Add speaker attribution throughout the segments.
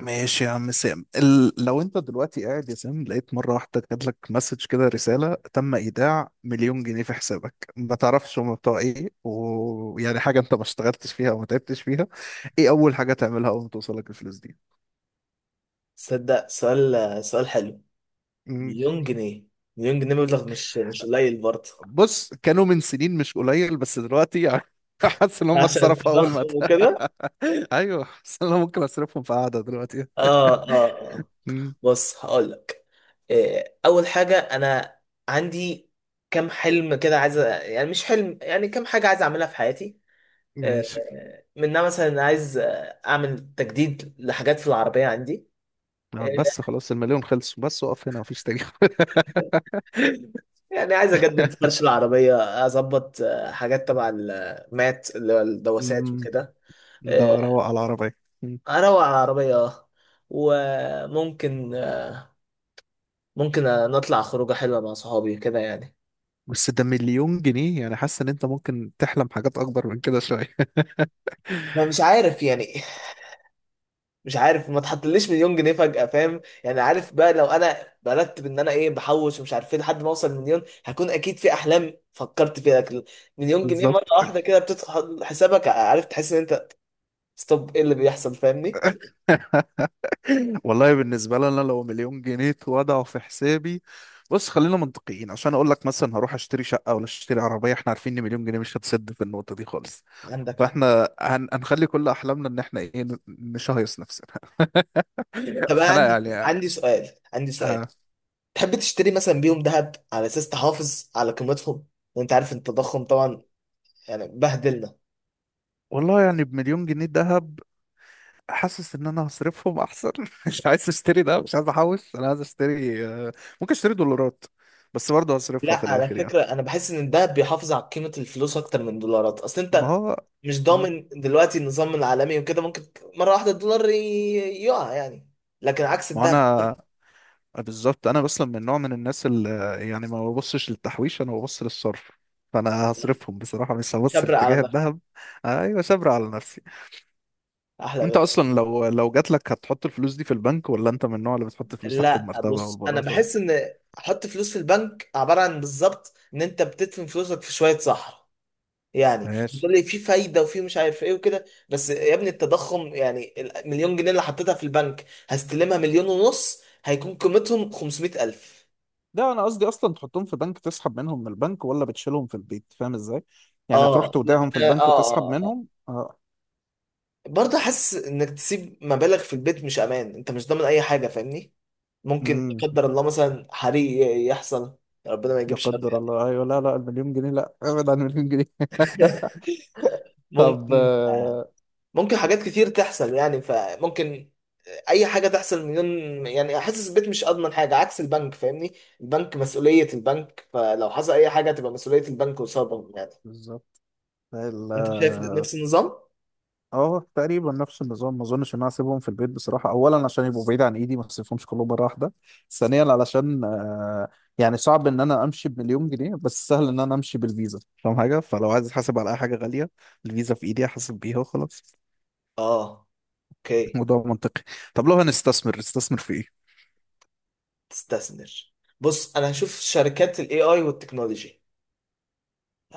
Speaker 1: ماشي يا عم سام لو انت دلوقتي قاعد يا سام، لقيت مرة واحدة جاتلك مسج كده، رسالة تم ايداع مليون جنيه في حسابك، ما تعرفش هما بتوع ايه، ويعني حاجة انت ما اشتغلتش فيها وما تعبتش فيها. ايه اول حاجة تعملها اول ما توصلك الفلوس دي؟
Speaker 2: تصدق؟ سؤال حلو.
Speaker 1: مم.
Speaker 2: مليون جنيه. مليون جنيه مبلغ مش قليل برضه.
Speaker 1: بص، كانوا من سنين مش قليل، بس دلوقتي يعني حاسس ان هم
Speaker 2: عشان
Speaker 1: اتصرفوا اول ما
Speaker 2: التضخم وكده.
Speaker 1: ايوه، بس انا ممكن اصرفهم في قعدة دلوقتي.
Speaker 2: اه، اه، اه.
Speaker 1: مم.
Speaker 2: بص، هقول لك. إيه، اول حاجه انا عندي كام حلم كده عايز يعني مش حلم، يعني كام حاجه عايز اعملها في حياتي. آه،
Speaker 1: ماشي.
Speaker 2: منها مثلا عايز اعمل تجديد لحاجات في العربيه عندي. آه،
Speaker 1: بس خلاص المليون خلصوا، بس وقف هنا مفيش تاني.
Speaker 2: يعني عايز اجدد فرش العربيه. اظبط حاجات تبع المات اللي هو الدواسات
Speaker 1: مم.
Speaker 2: وكده.
Speaker 1: ده
Speaker 2: آه،
Speaker 1: روق على العربية. مم.
Speaker 2: اروق على العربية، اه. وممكن نطلع خروجة حلوة مع صحابي كده يعني.
Speaker 1: بس ده مليون جنيه يعني، حاسس ان انت ممكن تحلم حاجات اكبر من كده شوية.
Speaker 2: انا مش عارف يعني، مش عارف. ما تحطليش مليون جنيه فجأة، فاهم يعني؟ عارف بقى، لو انا برتب ان انا ايه بحوش ومش عارف ايه لحد ما اوصل مليون، هكون اكيد في احلام فكرت فيها، لكن مليون جنيه مرة
Speaker 1: بالظبط.
Speaker 2: واحدة كده بتدخل حسابك، عارف، تحس ان انت ستوب، ايه اللي بيحصل؟ فاهمني؟
Speaker 1: والله بالنسبة لي انا، لو مليون جنيه اتوضعوا في حسابي، بص خلينا منطقيين عشان اقول لك. مثلا هروح اشتري شقة ولا اشتري عربية؟ احنا عارفين ان مليون جنيه مش هتسد في النقطة دي خالص.
Speaker 2: عندك حق.
Speaker 1: فاحنا هنخلي كل احلامنا ان احنا ايه، نشهيص نفسنا.
Speaker 2: طب أنا
Speaker 1: فانا
Speaker 2: عندي
Speaker 1: يعني
Speaker 2: عندي سؤال، عندي سؤال.
Speaker 1: آه.
Speaker 2: تحب تشتري مثلا بيهم ذهب على اساس تحافظ على قيمتهم، وانت عارف ان التضخم طبعا يعني بهدلنا؟
Speaker 1: والله يعني بمليون جنيه دهب، حاسس ان انا هصرفهم احسن. مش عايز اشتري ده، مش عايز احوش، انا عايز اشتري ممكن اشتري دولارات، بس برضه
Speaker 2: لا،
Speaker 1: هصرفها في
Speaker 2: على
Speaker 1: الاخر يعني.
Speaker 2: فكره، انا بحس ان الذهب بيحافظ على قيمه الفلوس اكتر من الدولارات. اصل
Speaker 1: ما
Speaker 2: انت
Speaker 1: هو.
Speaker 2: مش
Speaker 1: مم.
Speaker 2: ضامن دلوقتي النظام العالمي وكده، ممكن مره واحده الدولار يقع يعني، لكن عكس
Speaker 1: ما
Speaker 2: الذهب.
Speaker 1: انا بالظبط، انا اصلا من نوع من الناس اللي يعني ما ببصش للتحويش، انا ببص للصرف. فانا هصرفهم بصراحة، مش هبص
Speaker 2: شبر على
Speaker 1: لاتجاه
Speaker 2: نفسك،
Speaker 1: الذهب. ايوه صبر على نفسي.
Speaker 2: احلى
Speaker 1: انت
Speaker 2: بيت.
Speaker 1: اصلا لو جات لك، هتحط الفلوس دي في البنك، ولا انت من النوع اللي بتحط الفلوس تحت
Speaker 2: لا،
Speaker 1: المرتبة
Speaker 2: بص، انا
Speaker 1: والبلاطة؟
Speaker 2: بحس ان احط فلوس في البنك عباره عن بالظبط ان انت بتدفن فلوسك في شويه صحراء. يعني
Speaker 1: ماشي.
Speaker 2: بتقول لي في فايده وفي مش عارف ايه وكده، بس يا ابني التضخم، يعني المليون جنيه اللي حطيتها في البنك، هستلمها مليون ونص هيكون قيمتهم 500,000.
Speaker 1: ده انا قصدي اصلا، تحطهم في بنك تسحب منهم من البنك، ولا بتشيلهم في البيت؟ فاهم ازاي؟ يعني تروح
Speaker 2: اه، لا،
Speaker 1: تودعهم في
Speaker 2: اه،
Speaker 1: البنك وتسحب
Speaker 2: اه، اه، آه.
Speaker 1: منهم، اه.
Speaker 2: برضه حاسس انك تسيب مبالغ في البيت مش امان، انت مش ضامن اي حاجه، فاهمني؟ ممكن لا
Speaker 1: امم.
Speaker 2: قدر الله مثلا حريق يحصل، ربنا ما
Speaker 1: ده
Speaker 2: يجيب شر
Speaker 1: قدر الله،
Speaker 2: يعني.
Speaker 1: ايوه. لا لا، المليون جنيه لا، ابعد عن المليون جنيه. طب
Speaker 2: ممكن آه، ممكن حاجات كتير تحصل يعني، فممكن اي حاجه تحصل. مليون يعني، حاسس البيت مش اضمن حاجه عكس البنك، فاهمني؟ البنك مسؤوليه البنك، فلو حصل اي حاجه تبقى مسؤوليه البنك قصادهم يعني.
Speaker 1: بالظبط.
Speaker 2: انت شايف
Speaker 1: اه.
Speaker 2: نفس النظام؟
Speaker 1: تقريبا نفس النظام. ما اظنش ان انا اسيبهم في البيت بصراحه، اولا عشان يبقوا بعيد عن ايدي، ما اسيبهمش كلهم مره واحده، ثانيا علشان يعني صعب ان انا امشي بمليون جنيه، بس سهل ان انا امشي بالفيزا، فاهم حاجه، فلو عايز احاسب على اي حاجه غاليه، الفيزا في ايدي احاسب بيها وخلاص.
Speaker 2: اه. اوكي.
Speaker 1: موضوع منطقي. طب لو هنستثمر، نستثمر في ايه؟
Speaker 2: تستثمر؟ بص، انا هشوف شركات الاي اي والتكنولوجي،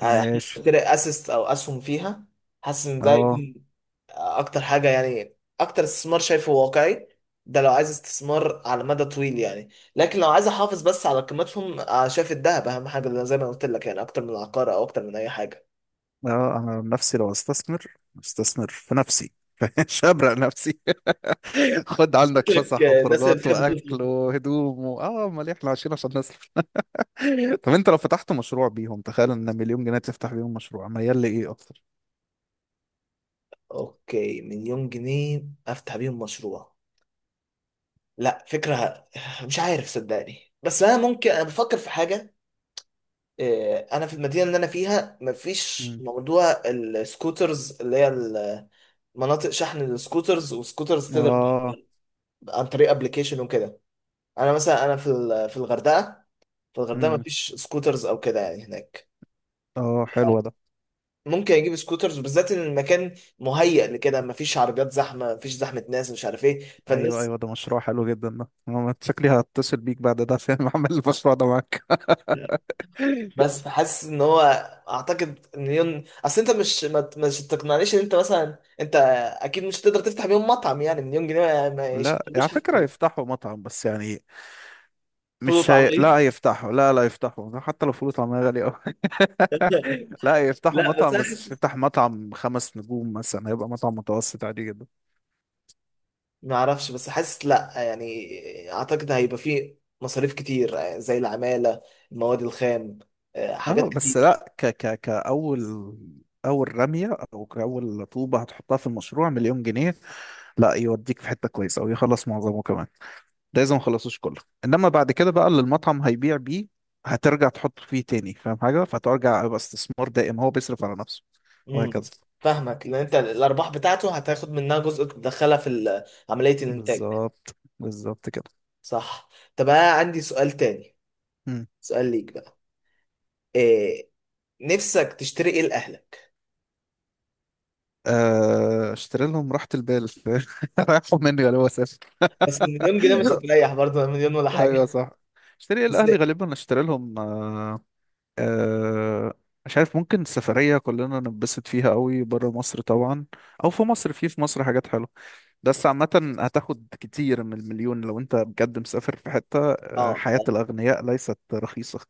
Speaker 1: ماشي.
Speaker 2: اسيست او اسهم فيها. حاسس ان ده
Speaker 1: اه
Speaker 2: يكون اكتر حاجه يعني، اكتر استثمار شايفه واقعي. ده لو عايز استثمار على مدى طويل يعني. لكن لو عايز احافظ بس على قيمتهم، شايف الذهب اهم حاجه، لأن زي ما قلت لك يعني، اكتر من العقار او اكتر من اي حاجه.
Speaker 1: اه، انا عن نفسي لو استثمر، استثمر في نفسي. مش هبرق نفسي. خد عندك
Speaker 2: شكلك
Speaker 1: فسح
Speaker 2: الناس اللي
Speaker 1: وخروجات
Speaker 2: بتحب
Speaker 1: واكل
Speaker 2: تصرف.
Speaker 1: وهدوم اه، امال إيه؟ احنا عايشين عشان نصرف. طب انت لو فتحت مشروع بيهم، تخيل ان مليون جنيه تفتح بيهم مشروع، ميال لايه اكتر؟
Speaker 2: اوكي، مليون جنيه افتح بيهم مشروع. لا، فكره مش عارف، صدقني، بس انا ممكن، انا بفكر في حاجه. انا في المدينه اللي انا فيها مفيش
Speaker 1: مم.
Speaker 2: موضوع السكوترز، اللي هي مناطق شحن السكوترز، وسكوترز تقدر
Speaker 1: اه.
Speaker 2: عن طريق ابلكيشن وكده. انا مثلا، انا في في الغردقه، في الغردقه ما
Speaker 1: امم.
Speaker 2: فيش سكوترز او كده يعني هناك.
Speaker 1: اه حلو ده.
Speaker 2: ممكن اجيب سكوترز، بالذات ان المكان مهيأ لكده، ما فيش عربيات زحمه، ما فيش زحمه ناس، مش عارف ايه،
Speaker 1: ايوه
Speaker 2: فالناس.
Speaker 1: ايوه، ده مشروع حلو جدا، ده أنا شكلي هتصل بيك بعد ده عشان اعمل المشروع ده معاك.
Speaker 2: بس حاسس ان هو، اعتقد ان اصل انت مش تقنعنيش ان انت مثلا، انت اكيد مش هتقدر تفتح بيهم مطعم، يعني مليون جنيه ما
Speaker 1: لا على
Speaker 2: يشتروش
Speaker 1: فكرة
Speaker 2: حتى
Speaker 1: يفتحوا مطعم، بس يعني
Speaker 2: فول
Speaker 1: مش هي... لا
Speaker 2: وطعميه.
Speaker 1: هيفتحوا، لا لا يفتحوا حتى لو فلوس، طعمها غالي أوي. لا يفتحوا
Speaker 2: لا، بس
Speaker 1: مطعم،
Speaker 2: انا
Speaker 1: بس مش
Speaker 2: حاسس،
Speaker 1: يفتح مطعم خمس نجوم مثلا، هيبقى مطعم متوسط عادي جدا.
Speaker 2: ما اعرفش، بس حاسس لا يعني. اعتقد هيبقى فيه مصاريف كتير، زي العمالة، المواد الخام،
Speaker 1: اه
Speaker 2: حاجات
Speaker 1: بس
Speaker 2: كتير.
Speaker 1: لا، ك ك كأول أول رمية، أو كأول طوبة هتحطها في المشروع مليون جنيه، لا يوديك في حتة كويسة ويخلص معظمه كمان. ده اذا ما خلصوش كله، انما بعد كده بقى اللي المطعم هيبيع بيه هترجع تحط فيه تاني، فاهم حاجه، فترجع يبقى استثمار دائم هو بيصرف على نفسه،
Speaker 2: امم
Speaker 1: وهكذا.
Speaker 2: فاهمك، لان انت الارباح بتاعته هتاخد منها جزء تدخلها في عملية الانتاج.
Speaker 1: بالظبط بالظبط كده.
Speaker 2: صح. طب انا عندي سؤال تاني،
Speaker 1: مم.
Speaker 2: سؤال ليك بقى. إيه، نفسك تشتري ايه لاهلك؟
Speaker 1: اشتري لهم راحة البال. رايحوا مني غالبا، اسافر.
Speaker 2: بس المليون جنيه مش هتريح برضه، مليون ولا
Speaker 1: ايوه
Speaker 2: حاجة.
Speaker 1: صح. اشتري
Speaker 2: بس،
Speaker 1: الاهلي غالبا، اشتري لهم آه، مش عارف، ممكن سفرية كلنا ننبسط فيها قوي، بره مصر طبعا، او في مصر، في مصر حاجات حلوة، بس عامة هتاخد كتير من المليون لو انت بجد مسافر في حتة.
Speaker 2: اه،
Speaker 1: حياة
Speaker 2: اه،
Speaker 1: الأغنياء ليست رخيصة.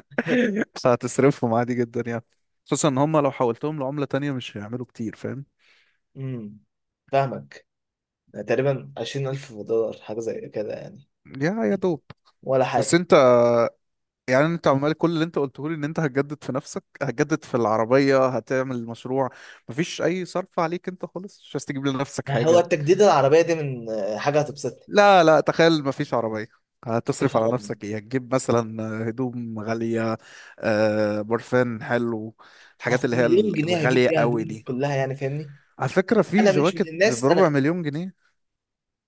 Speaker 1: فهتصرفهم عادي جدا يعني، خصوصا ان هم لو حولتهم لعملة تانية مش هيعملوا كتير، فاهم؟
Speaker 2: امم فاهمك. تقريبا 20,000 دولار حاجة زي كده يعني،
Speaker 1: يا دوب.
Speaker 2: ولا
Speaker 1: بس
Speaker 2: حاجة.
Speaker 1: انت يعني، انت عمال، كل اللي انت قلته لي ان انت هتجدد في نفسك، هتجدد في العربية، هتعمل مشروع، مفيش اي صرف عليك انت خالص، مش عايز تجيب لنفسك
Speaker 2: ما هو
Speaker 1: حاجة؟
Speaker 2: التجديد العربية دي من حاجة هتبسطني.
Speaker 1: لا لا، تخيل مفيش عربية،
Speaker 2: مش
Speaker 1: هتصرف على
Speaker 2: عربية؟
Speaker 1: نفسك ايه؟ هتجيب مثلا هدوم غالية، برفان حلو، الحاجات
Speaker 2: أصل
Speaker 1: اللي هي
Speaker 2: مليون جنيه هجيب
Speaker 1: الغالية
Speaker 2: بيها
Speaker 1: قوي
Speaker 2: هدومي
Speaker 1: دي.
Speaker 2: كلها يعني، فاهمني؟
Speaker 1: على فكرة في
Speaker 2: أنا مش من
Speaker 1: جواكت
Speaker 2: الناس.
Speaker 1: بربع
Speaker 2: أنا
Speaker 1: مليون جنيه.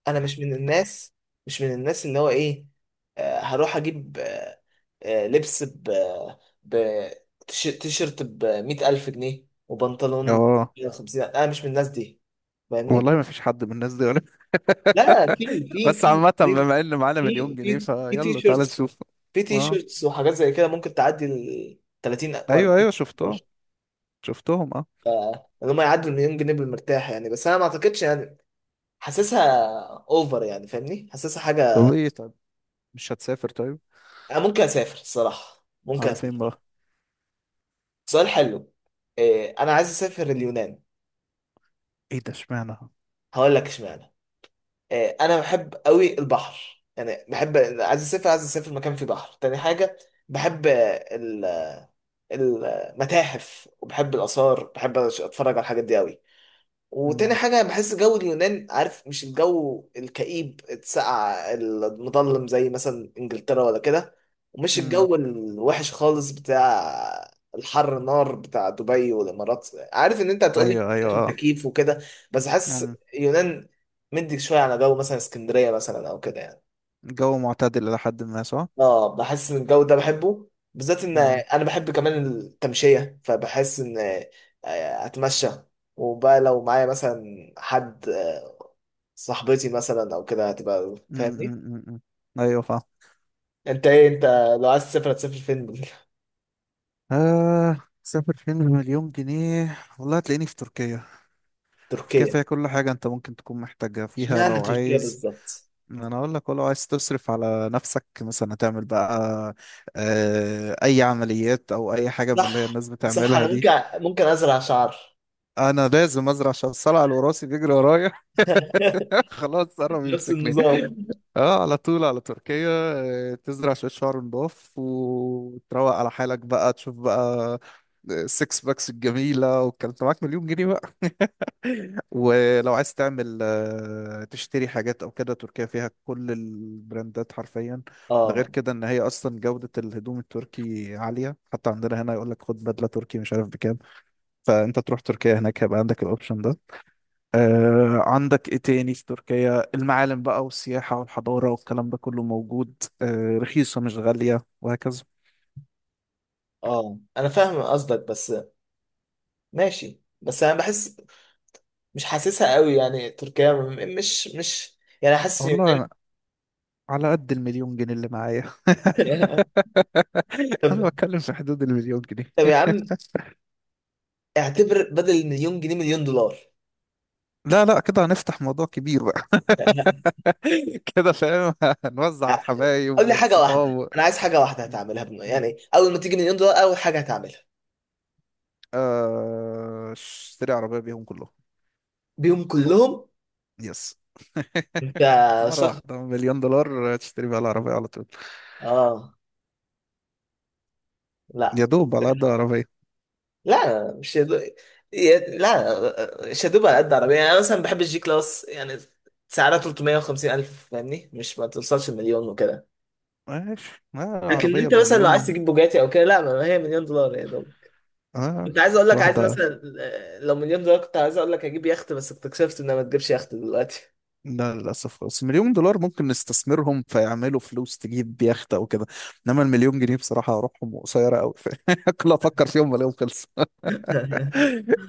Speaker 2: أنا مش من الناس، مش من الناس اللي هو إيه، هروح أجيب، لبس ب تيشيرت ب 100,000 جنيه، وبنطلون
Speaker 1: اه.
Speaker 2: ب 50. أنا مش من الناس دي، فاهمني.
Speaker 1: والله مفيش حد من الناس دي ولا؟
Speaker 2: لا،
Speaker 1: بس عامة
Speaker 2: في
Speaker 1: بما ان معانا مليون
Speaker 2: في
Speaker 1: جنيه،
Speaker 2: في في
Speaker 1: فيلا تعالى
Speaker 2: تيشيرتس،
Speaker 1: نشوف.
Speaker 2: في
Speaker 1: اه
Speaker 2: تيشيرتس وحاجات زي كده ممكن تعدي ال 30 و
Speaker 1: ايوه
Speaker 2: 40.
Speaker 1: ايوه، شفتهم شفتهم، اه.
Speaker 2: ان هم يعدوا المليون جنيه بالمرتاح يعني، بس انا ما اعتقدش يعني. حاسسها اوفر يعني، فاهمني، حاسسها
Speaker 1: طب
Speaker 2: حاجه.
Speaker 1: ايه طيب، مش هتسافر؟ طيب
Speaker 2: انا ممكن اسافر الصراحه، ممكن
Speaker 1: على فين
Speaker 2: اسافر.
Speaker 1: بقى؟
Speaker 2: سؤال حلو. إيه، انا عايز اسافر اليونان.
Speaker 1: ايه ده، اشمعنى؟
Speaker 2: هقول لك اشمعنى. إيه، انا بحب قوي البحر يعني، بحب، عايز اسافر، مكان فيه بحر. تاني حاجه، بحب المتاحف وبحب الاثار، بحب اتفرج على الحاجات دي قوي. وتاني
Speaker 1: امم.
Speaker 2: حاجة بحس جو اليونان، عارف، مش الجو الكئيب الساقع المظلم زي مثلا انجلترا ولا كده، ومش
Speaker 1: امم.
Speaker 2: الجو الوحش خالص بتاع الحر نار بتاع دبي والامارات، عارف ان انت هتقول لي
Speaker 1: ايوه ايوه.
Speaker 2: تكييف وكده، بس حاسس
Speaker 1: اه.
Speaker 2: اليونان مدي شوية على جو مثلا اسكندرية مثلا او كده يعني.
Speaker 1: الجو معتدل إلى حد ما، صح؟
Speaker 2: اه، بحس ان الجو ده بحبه، بالذات ان
Speaker 1: مم.
Speaker 2: انا بحب كمان التمشيه، فبحس ان اتمشى. وبقى لو معايا مثلا حد، صاحبتي مثلا او كده، هتبقى
Speaker 1: مم.
Speaker 2: فاهمني.
Speaker 1: مم. مم. أيوة فاهم.
Speaker 2: انت ايه، انت لو عايز تسافر هتسافر فين؟
Speaker 1: آه، سافر فين بمليون جنيه، والله هتلاقيني في تركيا. تركيا
Speaker 2: تركيا؟
Speaker 1: فيها كل حاجة أنت ممكن تكون محتاجها فيها.
Speaker 2: اشمعنى
Speaker 1: لو
Speaker 2: تركيا
Speaker 1: عايز،
Speaker 2: بالظبط؟
Speaker 1: ما أنا أقول لك، ولو عايز تصرف على نفسك مثلا، هتعمل بقى أي عمليات أو أي حاجة من اللي هي
Speaker 2: صح،
Speaker 1: الناس
Speaker 2: صح،
Speaker 1: بتعملها
Speaker 2: انا
Speaker 1: دي.
Speaker 2: ممكن ازرع شعر.
Speaker 1: أنا لازم أزرع عشان الصلع الوراثي بيجري ورايا. خلاص قرب
Speaker 2: نفس
Speaker 1: يمسكني.
Speaker 2: النظام.
Speaker 1: اه على طول على تركيا. تزرع شوية شعر نضاف وتروق على حالك بقى، تشوف بقى السكس باكس الجميلة والكلام ده، معاك مليون جنيه بقى. ولو عايز تعمل تشتري حاجات او كده، تركيا فيها كل البراندات حرفيا. ده غير
Speaker 2: اه،
Speaker 1: كده ان هي اصلا جودة الهدوم التركي عالية، حتى عندنا هنا يقول لك خد بدلة تركي مش عارف بكام. فانت تروح تركيا هناك هيبقى عندك الاوبشن ده. آه، عندك ايه تاني في تركيا؟ المعالم بقى، والسياحة، والحضارة، والكلام ده كله موجود. آه، رخيصة مش غالية، وهكذا.
Speaker 2: اه، انا فاهم قصدك، بس ماشي. بس انا بحس مش حاسسها قوي يعني، تركيا مش يعني، حاسس
Speaker 1: والله أنا على قد المليون جنيه اللي معايا. انا
Speaker 2: طب
Speaker 1: بتكلم في حدود المليون جنيه.
Speaker 2: طب يا عم، اعتبر بدل المليون جنيه مليون دولار.
Speaker 1: لا لا، كده هنفتح موضوع كبير بقى. كده فاهم، هنوزع على
Speaker 2: لا،
Speaker 1: الحبايب
Speaker 2: قول لي حاجه
Speaker 1: والصحاب
Speaker 2: واحده، انا عايز حاجه واحده
Speaker 1: م-
Speaker 2: هتعملها
Speaker 1: م.
Speaker 2: يعني اول ما تيجي مليون دولار، اول حاجه هتعملها.
Speaker 1: اشتري عربية بيهم كلهم.
Speaker 2: بيهم كلهم؟
Speaker 1: يس.
Speaker 2: انت
Speaker 1: مرة
Speaker 2: شخص؟
Speaker 1: واحدة مليون دولار تشتري بيها العربية على طول.
Speaker 2: اه، لا،
Speaker 1: يا دوب على قد عربية.
Speaker 2: لا، مش يدو... ي- لا مش هدوب على قد عربيه، يعني انا مثلا بحب الجي كلاس يعني، سعرها 350 الف، فاهمني، مش ما توصلش المليون وكده.
Speaker 1: ماشي آه.
Speaker 2: لكن
Speaker 1: عربية
Speaker 2: انت مثلا لو عايز
Speaker 1: بمليون.
Speaker 2: تجيب بوجاتي او كده، لا ما هي مليون دولار يا دوب.
Speaker 1: آه،
Speaker 2: كنت عايز اقول لك، عايز
Speaker 1: واحدة.
Speaker 2: مثلا، لو مليون دولار كنت عايز اقول لك هجيب يخت، بس اكتشفت انها ما تجيبش يخت دلوقتي.
Speaker 1: لا للأسف خالص، مليون دولار ممكن نستثمرهم فيعملوا فلوس تجيب يخت أو كده، إنما المليون جنيه بصراحة أروحهم قصيرة أوي. كل ما أفكر فيهم بلاقيهم خلصوا.